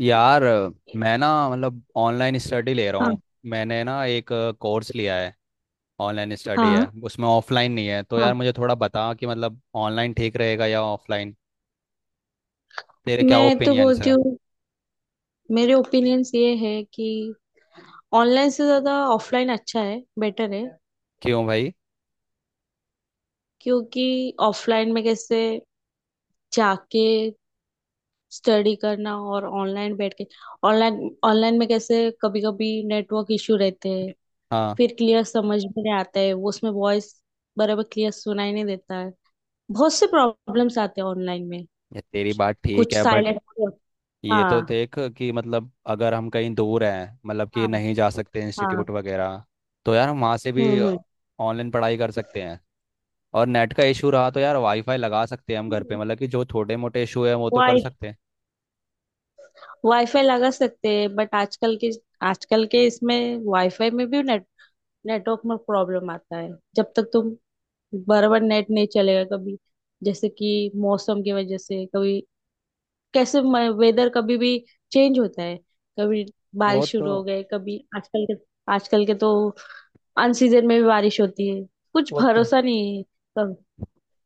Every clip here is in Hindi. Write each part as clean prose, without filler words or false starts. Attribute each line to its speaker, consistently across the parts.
Speaker 1: यार मैं ना मतलब ऑनलाइन स्टडी ले रहा
Speaker 2: हाँ,
Speaker 1: हूँ। मैंने ना एक कोर्स लिया है, ऑनलाइन स्टडी है,
Speaker 2: हाँ,
Speaker 1: उसमें ऑफलाइन नहीं है। तो
Speaker 2: हाँ,
Speaker 1: यार मुझे थोड़ा बता कि मतलब ऑनलाइन ठीक रहेगा या ऑफलाइन। तेरे क्या
Speaker 2: मैं तो
Speaker 1: ओपिनियंस
Speaker 2: बोलती
Speaker 1: है?
Speaker 2: हूँ। मेरे ओपिनियंस ये है कि ऑनलाइन से ज्यादा ऑफलाइन अच्छा है, बेटर है।
Speaker 1: क्यों भाई?
Speaker 2: क्योंकि ऑफलाइन में कैसे जाके स्टडी करना और ऑनलाइन बैठ के ऑनलाइन ऑनलाइन में कैसे कभी कभी नेटवर्क इशू रहते हैं।
Speaker 1: हाँ।
Speaker 2: फिर क्लियर समझ में नहीं आता है, वो उसमें वॉइस बराबर क्लियर सुनाई नहीं देता है। बहुत से प्रॉब्लम्स आते हैं ऑनलाइन में।
Speaker 1: ये तेरी बात ठीक
Speaker 2: कुछ
Speaker 1: है बट
Speaker 2: साइलेंट।
Speaker 1: ये तो
Speaker 2: हाँ,
Speaker 1: देख कि मतलब अगर हम कहीं दूर हैं, मतलब कि
Speaker 2: हाँ,
Speaker 1: नहीं जा सकते
Speaker 2: हाँ।
Speaker 1: इंस्टीट्यूट वगैरह, तो यार हम वहाँ से भी
Speaker 2: हम्म,
Speaker 1: ऑनलाइन पढ़ाई कर सकते हैं। और नेट का इशू रहा तो यार वाईफाई लगा सकते हैं हम घर पे,
Speaker 2: हम्म।
Speaker 1: मतलब कि जो छोटे मोटे इशू है वो तो कर सकते हैं।
Speaker 2: वाईफाई लगा सकते हैं, बट आजकल के इसमें वाईफाई में भी नेटवर्क में प्रॉब्लम आता है। जब तक तुम बराबर नेट नहीं चलेगा। कभी जैसे कि मौसम की वजह से, कभी कैसे वेदर कभी भी चेंज होता है। कभी
Speaker 1: वो
Speaker 2: बारिश
Speaker 1: तो
Speaker 2: शुरू हो गई, कभी आजकल के तो अनसीजन में भी बारिश होती है। कुछ
Speaker 1: वो तो
Speaker 2: भरोसा नहीं है। कब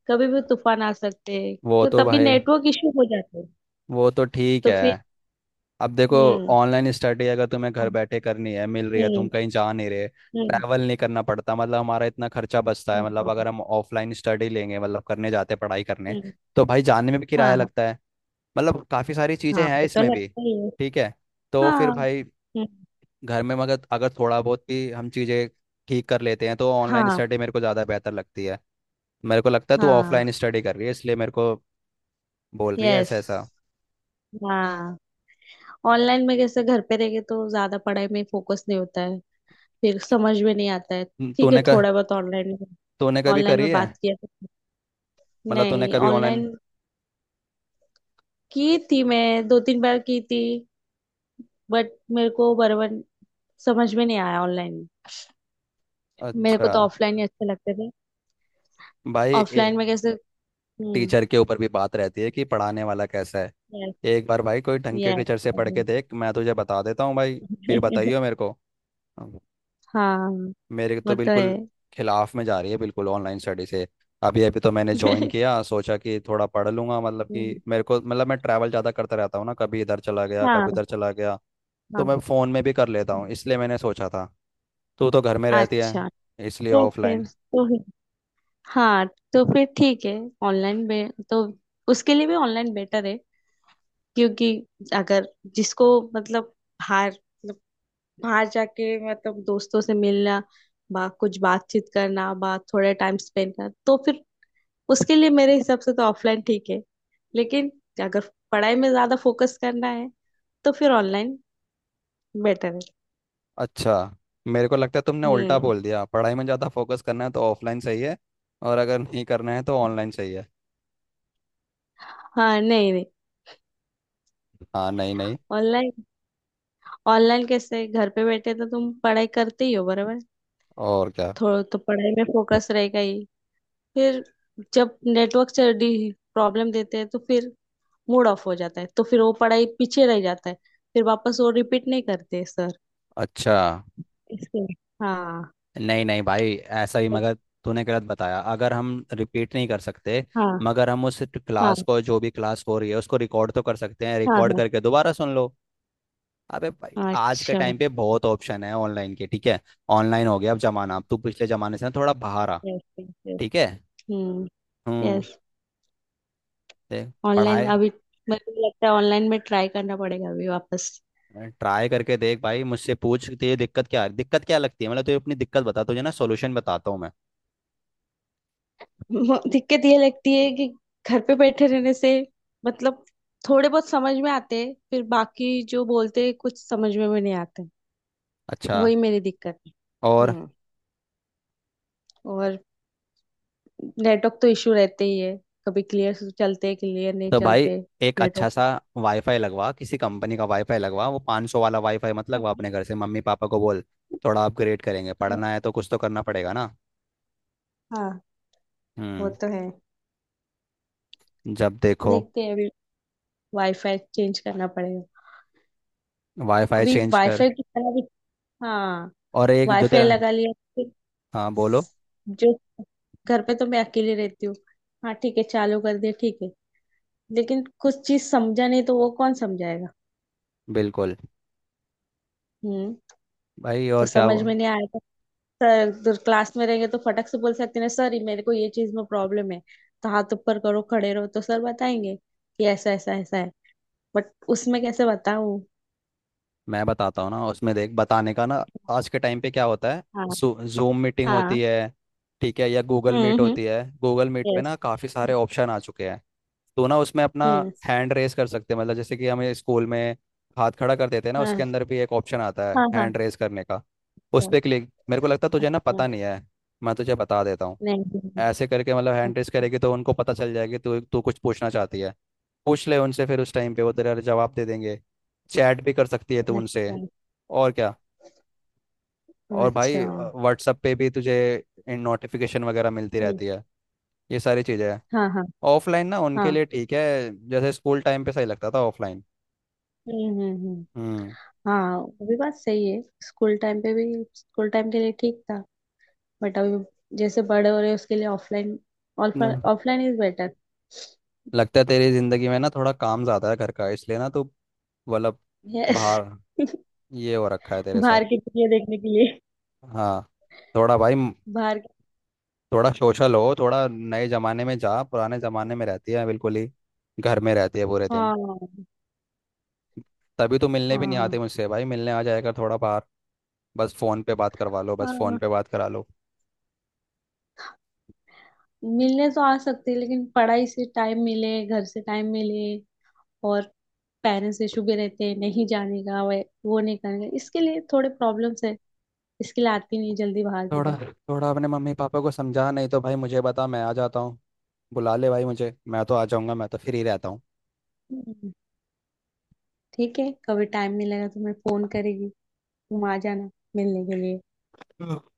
Speaker 2: कभी भी तूफान आ सकते हैं।
Speaker 1: वो
Speaker 2: तो
Speaker 1: तो
Speaker 2: तभी
Speaker 1: भाई
Speaker 2: नेटवर्क इशू हो जाते हैं।
Speaker 1: वो तो ठीक
Speaker 2: तो
Speaker 1: है।
Speaker 2: फिर।
Speaker 1: अब देखो,
Speaker 2: हम्म।
Speaker 1: ऑनलाइन स्टडी अगर तुम्हें घर
Speaker 2: हम्म।
Speaker 1: बैठे करनी है, मिल रही है, तुम
Speaker 2: हम्म।
Speaker 1: कहीं जा नहीं रहे,
Speaker 2: हम्म।
Speaker 1: ट्रैवल नहीं करना पड़ता। मतलब हमारा इतना खर्चा बचता है,
Speaker 2: हम्म,
Speaker 1: मतलब
Speaker 2: हम्म।
Speaker 1: अगर हम ऑफलाइन स्टडी लेंगे मतलब करने जाते हैं पढ़ाई करने,
Speaker 2: हम्म।
Speaker 1: तो भाई जाने में भी किराया
Speaker 2: हाँ, हाँ,
Speaker 1: लगता है। मतलब काफ़ी सारी
Speaker 2: हाँ,
Speaker 1: चीज़ें हैं
Speaker 2: वो तो
Speaker 1: इसमें भी।
Speaker 2: लगता ही है।
Speaker 1: ठीक है, तो फिर
Speaker 2: हाँ।
Speaker 1: भाई
Speaker 2: हम्म,
Speaker 1: घर में मगर अगर थोड़ा बहुत भी हम चीज़ें ठीक कर लेते हैं तो ऑनलाइन
Speaker 2: हाँ,
Speaker 1: स्टडी मेरे को ज़्यादा बेहतर लगती है। मेरे को लगता है तू
Speaker 2: हाँ।
Speaker 1: ऑफलाइन स्टडी कर रही है इसलिए मेरे को बोल रही है
Speaker 2: यस।
Speaker 1: ऐसा ऐसा।
Speaker 2: हाँ, ऑनलाइन में कैसे घर पे रह के तो ज्यादा पढ़ाई में फोकस नहीं होता है। फिर समझ में नहीं आता है। ठीक है,
Speaker 1: तूने का
Speaker 2: थोड़ा बहुत ऑनलाइन में
Speaker 1: तूने कभी
Speaker 2: ऑनलाइन
Speaker 1: करी
Speaker 2: में
Speaker 1: है?
Speaker 2: बात किया तो।
Speaker 1: मतलब तूने
Speaker 2: नहीं,
Speaker 1: कभी ऑनलाइन?
Speaker 2: ऑनलाइन की थी, मैं दो तीन बार की थी। बट मेरे को बराबर समझ में नहीं आया ऑनलाइन। मेरे को
Speaker 1: अच्छा।
Speaker 2: तो ऑफलाइन ही अच्छे लगते थे।
Speaker 1: भाई
Speaker 2: ऑफलाइन में कैसे। हम्म।
Speaker 1: टीचर के ऊपर भी बात रहती है कि पढ़ाने वाला कैसा है।
Speaker 2: यस,
Speaker 1: एक बार भाई कोई ढंग के
Speaker 2: यस।
Speaker 1: टीचर से पढ़ के देख, मैं तुझे बता देता हूँ भाई। फिर बताइयो मेरे को। अब
Speaker 2: हाँ,
Speaker 1: मेरे तो
Speaker 2: वो तो है।
Speaker 1: बिल्कुल खिलाफ में जा रही है, बिल्कुल ऑनलाइन स्टडी से। अभी अभी तो मैंने ज्वाइन किया, सोचा कि थोड़ा पढ़ लूंगा। मतलब
Speaker 2: हम्म,
Speaker 1: कि मेरे को, मतलब मैं ट्रैवल ज़्यादा करता रहता हूँ ना, कभी इधर चला गया
Speaker 2: हाँ,
Speaker 1: कभी उधर चला गया, तो
Speaker 2: हाँ,
Speaker 1: मैं फ़ोन में भी कर लेता
Speaker 2: हाँ।
Speaker 1: हूँ, इसलिए मैंने सोचा था। तू तो घर में रहती है
Speaker 2: अच्छा।
Speaker 1: इसलिए
Speaker 2: तो फिर
Speaker 1: ऑफलाइन।
Speaker 2: हाँ, तो फिर ठीक है। ऑनलाइन बे तो उसके लिए भी ऑनलाइन बेटर है। क्योंकि अगर जिसको मतलब बाहर, मतलब बाहर जाके मतलब दोस्तों से मिलना, बा कुछ बातचीत करना, बा थोड़ा टाइम स्पेंड करना, तो फिर उसके लिए मेरे हिसाब से तो ऑफलाइन ठीक है। लेकिन अगर पढ़ाई में ज्यादा फोकस करना है तो फिर ऑनलाइन बेटर है।
Speaker 1: अच्छा, मेरे को लगता है तुमने उल्टा
Speaker 2: हम्म।
Speaker 1: बोल दिया। पढ़ाई में ज़्यादा फोकस करना है तो ऑफलाइन सही है, और अगर नहीं करना है तो ऑनलाइन सही है।
Speaker 2: हाँ, नहीं, नहीं,
Speaker 1: हाँ नहीं नहीं।
Speaker 2: ऑनलाइन ऑनलाइन कैसे घर पे बैठे तो तुम पढ़ाई करते ही हो बराबर।
Speaker 1: और क्या।
Speaker 2: थोड़ा तो पढ़ाई में फोकस रहेगा ही। फिर जब नेटवर्क प्रॉब्लम देते हैं तो फिर मूड ऑफ हो जाता है, तो फिर वो पढ़ाई पीछे रह जाता है। फिर वापस वो रिपीट नहीं करते सर।
Speaker 1: अच्छा।
Speaker 2: इसके। हाँ,
Speaker 1: नहीं नहीं भाई, ऐसा ही, मगर तूने गलत बताया। अगर हम रिपीट नहीं कर सकते
Speaker 2: हाँ,
Speaker 1: मगर हम उस
Speaker 2: हाँ,
Speaker 1: क्लास को, जो भी क्लास हो रही है उसको रिकॉर्ड तो कर सकते हैं,
Speaker 2: हाँ,
Speaker 1: रिकॉर्ड
Speaker 2: हाँ।
Speaker 1: करके दोबारा सुन लो। अबे भाई आज के
Speaker 2: अच्छा।
Speaker 1: टाइम पे बहुत ऑप्शन है ऑनलाइन के, ठीक है? ऑनलाइन हो गया अब जमाना, अब तू पिछले जमाने से ना थोड़ा बाहर आ।
Speaker 2: Yes, yes.
Speaker 1: ठीक है।
Speaker 2: हम्म।
Speaker 1: हम्म।
Speaker 2: यस।
Speaker 1: देख,
Speaker 2: ऑनलाइन
Speaker 1: पढ़ाए,
Speaker 2: अभी मेरे को लगता है ऑनलाइन में ट्राई करना पड़ेगा अभी वापस।
Speaker 1: ट्राई करके देख भाई, मुझसे पूछ तुझे दिक्कत, क्या दिक्कत क्या लगती है, मतलब तुझे अपनी दिक्कत बता, तुझे ना सॉल्यूशन बताता हूँ मैं।
Speaker 2: दिक्कत ये लगती है कि घर पे बैठे रहने से मतलब थोड़े बहुत समझ में आते हैं, फिर बाकी जो बोलते हैं कुछ समझ में भी नहीं आते।
Speaker 1: अच्छा।
Speaker 2: वही मेरी दिक्कत है।
Speaker 1: और,
Speaker 2: हम्म। और नेटवर्क तो इशू रहते ही है। कभी क्लियर चलते, क्लियर नहीं
Speaker 1: तो भाई
Speaker 2: चलते।
Speaker 1: एक अच्छा सा
Speaker 2: नेटवर्क।
Speaker 1: वाईफाई लगवा, किसी कंपनी का वाईफाई लगवा, वो 500 सौ वाला वाईफाई मत लगवा, अपने घर से मम्मी पापा को बोल थोड़ा अपग्रेड करेंगे, पढ़ना है तो कुछ तो करना पड़ेगा ना।
Speaker 2: हाँ, वो
Speaker 1: हम्म।
Speaker 2: तो है।
Speaker 1: जब देखो,
Speaker 2: देखते हैं, अभी वाईफाई चेंज करना पड़ेगा।
Speaker 1: वाईफाई
Speaker 2: अभी
Speaker 1: चेंज कर।
Speaker 2: वाईफाई की तरह भी। हाँ।
Speaker 1: और एक जो
Speaker 2: वाईफाई
Speaker 1: तेरा,
Speaker 2: लगा लिया फिर,
Speaker 1: हाँ बोलो।
Speaker 2: जो घर पे तो मैं अकेले रहती हूँ। हाँ, ठीक है, चालू कर दिया, ठीक है। लेकिन कुछ चीज समझा नहीं तो वो कौन समझाएगा।
Speaker 1: बिल्कुल
Speaker 2: हम्म।
Speaker 1: भाई,
Speaker 2: तो
Speaker 1: और क्या।
Speaker 2: समझ में नहीं आया तो सर तो क्लास में रहेंगे तो फटक से बोल सकते हैं, सर ये मेरे को ये चीज में प्रॉब्लम है। तो हाथ ऊपर करो, खड़े रहो, तो सर बताएंगे कि ऐसा ऐसा ऐसा है। बट उसमें कैसे बताऊं।
Speaker 1: मैं बताता हूँ ना उसमें देख, बताने का ना, आज के टाइम पे क्या होता है,
Speaker 2: हाँ,
Speaker 1: जूम मीटिंग
Speaker 2: हाँ।
Speaker 1: होती है, ठीक है, या गूगल
Speaker 2: हम्म,
Speaker 1: मीट
Speaker 2: हम्म।
Speaker 1: होती है। गूगल मीट पे
Speaker 2: यस।
Speaker 1: ना काफ़ी सारे ऑप्शन आ चुके हैं, तो ना उसमें अपना
Speaker 2: हम्म।
Speaker 1: हैंड रेस कर सकते हैं। मतलब जैसे कि हमें स्कूल में हाथ खड़ा कर देते हैं ना, उसके
Speaker 2: हाँ,
Speaker 1: अंदर भी एक ऑप्शन आता है
Speaker 2: हाँ, हाँ।
Speaker 1: हैंड रेस करने का। उस पर क्लिक, मेरे को लगता है तुझे ना
Speaker 2: अच्छा,
Speaker 1: पता
Speaker 2: अच्छा।
Speaker 1: नहीं है, मैं तुझे बता देता हूँ।
Speaker 2: नहीं, नहीं,
Speaker 1: ऐसे करके, मतलब हैंड रेस करेगी तो उनको पता चल जाएगी तू तू कुछ पूछना चाहती है। पूछ ले उनसे, फिर उस टाइम पे वो तेरा जवाब दे देंगे। चैट भी कर सकती है तू
Speaker 2: अच्छा,
Speaker 1: उनसे।
Speaker 2: अच्छा,
Speaker 1: और क्या। और
Speaker 2: अच्छा।
Speaker 1: भाई व्हाट्सअप पे भी तुझे इन नोटिफिकेशन वगैरह मिलती
Speaker 2: हम्म।
Speaker 1: रहती है। ये सारी चीज़ें हैं।
Speaker 2: हाँ, हाँ,
Speaker 1: ऑफलाइन ना उनके
Speaker 2: हाँ।
Speaker 1: लिए ठीक है, जैसे स्कूल टाइम पे सही लगता था ऑफलाइन।
Speaker 2: हम्म, हम्म, हम्म।
Speaker 1: हम्म।
Speaker 2: हाँ, वो भी बात सही है, स्कूल टाइम पे भी। स्कूल टाइम के लिए ठीक था। बट अभी जैसे बड़े हो रहे हैं, उसके लिए ऑफलाइन
Speaker 1: हम्म,
Speaker 2: ऑफलाइन इज बेटर।
Speaker 1: लगता है तेरी जिंदगी में ना थोड़ा काम ज़्यादा है घर का, इसलिए ना तू मतलब
Speaker 2: यस।
Speaker 1: बाहर, ये हो रखा है तेरे साथ।
Speaker 2: बाहर की दुनिया देखने के लिए।
Speaker 1: हाँ। थोड़ा भाई।
Speaker 2: बाहर की।
Speaker 1: थोड़ा सोशल हो, थोड़ा नए जमाने में जा, पुराने जमाने में रहती है बिल्कुल ही, घर में रहती है पूरे दिन।
Speaker 2: हाँ,
Speaker 1: तभी तो मिलने भी नहीं
Speaker 2: हाँ,
Speaker 1: आते मुझसे भाई, मिलने आ जाएगा थोड़ा बाहर। बस फोन पे बात करवा लो, बस फोन
Speaker 2: हाँ,
Speaker 1: पे बात करा लो।
Speaker 2: मिलने तो आ सकते हैं, लेकिन पढ़ाई से टाइम मिले, घर से टाइम मिले। और पेरेंट्स इशू भी रहते हैं, नहीं जाने का, वो नहीं करने का, इसके लिए थोड़े प्रॉब्लम्स है। इसके लिए आती नहीं जल्दी बाहर की
Speaker 1: थोड़ा
Speaker 2: तरफ।
Speaker 1: थोड़ा अपने मम्मी पापा को समझा, नहीं तो भाई मुझे बता, मैं आ जाता हूँ। बुला ले भाई मुझे, मैं तो आ जाऊंगा, मैं तो फ्री रहता हूँ।
Speaker 2: हम्म, ठीक है, कभी टाइम मिलेगा तो मैं फोन करेगी, तुम आ जाना मिलने के लिए।
Speaker 1: हाँ।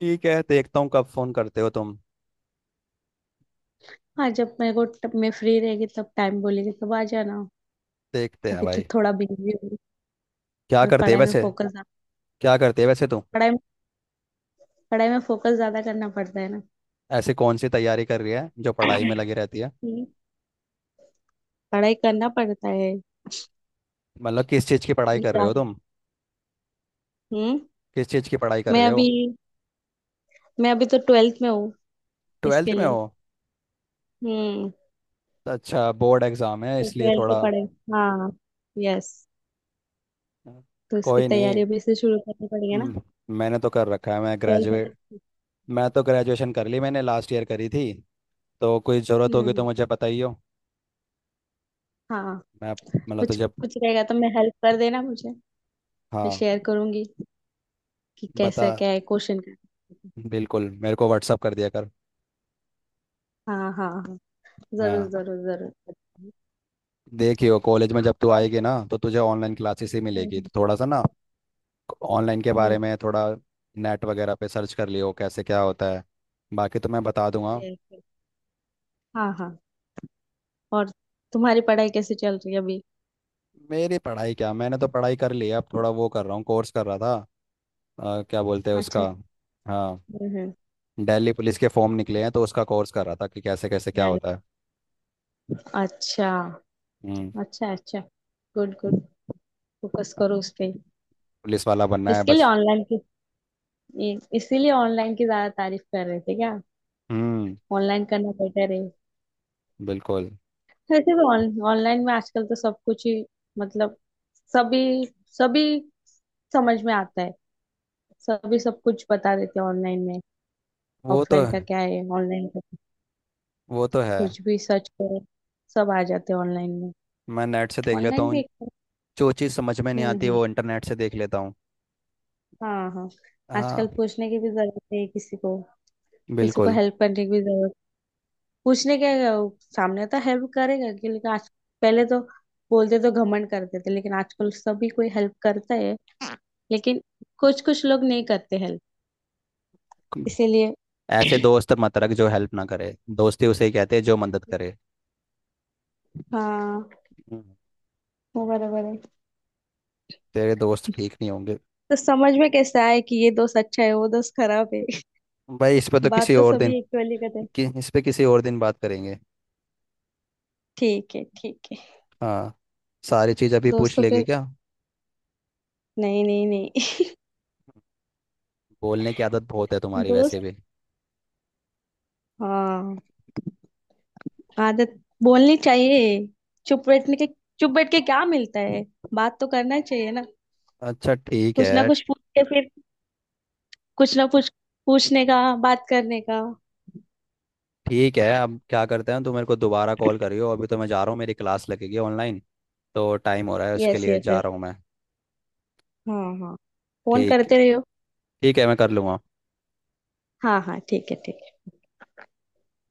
Speaker 1: ठीक है, देखता हूँ कब फोन करते हो तुम।
Speaker 2: हाँ, जब मेरे को तब मैं फ्री रहेगी तब टाइम बोलेगी, तब आ जाना।
Speaker 1: देखते हैं
Speaker 2: अभी तो
Speaker 1: भाई।
Speaker 2: थोड़ा बिजी हूँ।
Speaker 1: क्या
Speaker 2: और
Speaker 1: करते है
Speaker 2: पढ़ाई में
Speaker 1: वैसे
Speaker 2: फोकस ज्यादा।
Speaker 1: क्या करते है वैसे तुम?
Speaker 2: पढ़ाई पढ़ाई में फोकस ज्यादा करना पड़ता है ना।
Speaker 1: ऐसी कौन सी तैयारी कर रही है जो पढ़ाई में लगी रहती है?
Speaker 2: हम्म, पढ़ाई करना पड़ता है
Speaker 1: मतलब किस चीज़ की पढ़ाई कर रहे
Speaker 2: ज्यादा।
Speaker 1: हो तुम?
Speaker 2: हम्म।
Speaker 1: किस चीज़ की पढ़ाई कर
Speaker 2: मैं
Speaker 1: रहे
Speaker 2: अभी
Speaker 1: हो?
Speaker 2: मैं अभी तो 12th में हूँ।
Speaker 1: ट्वेल्थ
Speaker 2: इसके
Speaker 1: में
Speaker 2: लिए।
Speaker 1: हो?
Speaker 2: हम्म।
Speaker 1: अच्छा बोर्ड एग्जाम है
Speaker 2: तो
Speaker 1: इसलिए
Speaker 2: ट्वेल्थ की
Speaker 1: थोड़ा,
Speaker 2: पढ़ाई। हाँ, यस, तो उसकी
Speaker 1: कोई
Speaker 2: तैयारी
Speaker 1: नहीं।
Speaker 2: अभी से शुरू करनी पड़ेगी ना।
Speaker 1: हम्म, मैंने तो कर रखा है, मैं
Speaker 2: ट्वेल्थ में
Speaker 1: ग्रेजुएट,
Speaker 2: तो-
Speaker 1: मैं तो ग्रेजुएशन कर ली, मैंने लास्ट ईयर करी थी। तो कोई ज़रूरत होगी तो
Speaker 2: हम्म।
Speaker 1: मुझे बताइयो।
Speaker 2: हाँ,
Speaker 1: मैं, मतलब तो
Speaker 2: कुछ
Speaker 1: जब,
Speaker 2: कुछ रहेगा तो मैं हेल्प कर देना मुझे। मैं
Speaker 1: हाँ,
Speaker 2: शेयर करूंगी कि
Speaker 1: बता,
Speaker 2: कैसा क्या है क्वेश्चन का।
Speaker 1: बिल्कुल मेरे को व्हाट्सअप कर दिया कर।
Speaker 2: हाँ, हाँ, जरूर,
Speaker 1: हाँ,
Speaker 2: जरूर, जरूर।
Speaker 1: देखियो कॉलेज में जब तू
Speaker 2: और।
Speaker 1: आएगी ना तो तुझे ऑनलाइन क्लासेस ही मिलेगी,
Speaker 2: हम्म।
Speaker 1: तो थोड़ा सा ना ऑनलाइन के बारे में थोड़ा नेट वगैरह पे सर्च कर लियो कैसे क्या होता है, बाकी तो मैं बता दूंगा।
Speaker 2: Yes, yes. हाँ, हाँ, और तुम्हारी पढ़ाई कैसे चल रही है अभी।
Speaker 1: मेरी पढ़ाई क्या, मैंने तो पढ़ाई कर ली है, अब थोड़ा वो कर रहा हूँ, कोर्स कर रहा था, क्या बोलते हैं
Speaker 2: अच्छा।
Speaker 1: उसका, हाँ,
Speaker 2: हम्म,
Speaker 1: दिल्ली पुलिस के फॉर्म निकले हैं तो उसका कोर्स कर रहा था कि कैसे कैसे क्या होता है।
Speaker 2: अच्छा,
Speaker 1: हम्म।
Speaker 2: अच्छा, अच्छा, गुड, गुड, फोकस करो उस पे।
Speaker 1: पुलिस वाला बनना है
Speaker 2: इसके लिए
Speaker 1: बच।
Speaker 2: ऑनलाइन की इसीलिए ऑनलाइन की ज्यादा तारीफ कर रहे थे क्या।
Speaker 1: हम्म।
Speaker 2: ऑनलाइन करना बेटर है।
Speaker 1: बिल्कुल।
Speaker 2: वैसे भी ऑनलाइन में आजकल तो सब कुछ ही मतलब सभी, सभी समझ में आता है। सभी सब कुछ बता देते हैं ऑनलाइन में।
Speaker 1: वो तो
Speaker 2: ऑफलाइन का क्या है, ऑनलाइन
Speaker 1: वो तो है।
Speaker 2: कुछ भी सर्च करो सब आ जाते हैं ऑनलाइन में।
Speaker 1: मैं नेट से देख लेता
Speaker 2: ऑनलाइन भी
Speaker 1: हूँ,
Speaker 2: एक।
Speaker 1: जो चीज़ समझ में नहीं
Speaker 2: हम्म,
Speaker 1: आती
Speaker 2: हम्म।
Speaker 1: वो इंटरनेट से देख लेता हूँ।
Speaker 2: हाँ, हाँ। आजकल
Speaker 1: हाँ।
Speaker 2: पूछने की भी जरूरत नहीं है किसी को। किसी को
Speaker 1: बिल्कुल।
Speaker 2: हेल्प करने की भी जरूरत। पूछने के वो सामने तो हेल्प करेगा कि लेकिन आज। पहले तो बोलते तो घमंड करते थे लेकिन आजकल सभी कोई हेल्प करता है। लेकिन कुछ कुछ लोग नहीं करते हेल्प। इसीलिए।
Speaker 1: ऐसे दोस्त मत रख जो हेल्प ना करे, दोस्ती उसे ही कहते हैं जो मदद करे।
Speaker 2: हाँ,
Speaker 1: हम्म,
Speaker 2: वो बराबर है।
Speaker 1: तेरे दोस्त ठीक नहीं होंगे।
Speaker 2: तो समझ में कैसे आए कि ये दोस्त अच्छा है वो दोस्त खराब है।
Speaker 1: भाई इस पे तो किसी
Speaker 2: बात तो
Speaker 1: और दिन,
Speaker 2: सभी इक्वली करते हैं।
Speaker 1: कि इस पे किसी और दिन बात करेंगे।
Speaker 2: ठीक है, ठीक है।
Speaker 1: हाँ। सारी चीज़ अभी पूछ
Speaker 2: दोस्तों
Speaker 1: लेगी
Speaker 2: पे
Speaker 1: क्या?
Speaker 2: नहीं, नहीं, नहीं।
Speaker 1: बोलने की आदत बहुत है तुम्हारी वैसे
Speaker 2: दोस्त।
Speaker 1: भी।
Speaker 2: हाँ। आदत बोलनी चाहिए। चुप बैठने के चुप बैठ के क्या मिलता है। बात तो करना चाहिए ना।
Speaker 1: अच्छा ठीक
Speaker 2: कुछ ना
Speaker 1: है,
Speaker 2: कुछ पूछ के फिर कुछ ना कुछ पूछने का, बात करने का।
Speaker 1: ठीक है। अब क्या करते हैं, तो मेरे को दोबारा कॉल करियो। अभी तो मैं जा रहा हूँ, मेरी क्लास लगेगी ऑनलाइन, तो टाइम हो रहा है उसके
Speaker 2: यस,
Speaker 1: लिए,
Speaker 2: यस,
Speaker 1: जा
Speaker 2: यस।
Speaker 1: रहा हूँ मैं।
Speaker 2: हाँ, हाँ, फोन
Speaker 1: ठीक,
Speaker 2: करते रहो।
Speaker 1: ठीक है, मैं कर लूँगा।
Speaker 2: हाँ, हाँ, ठीक है, ठीक।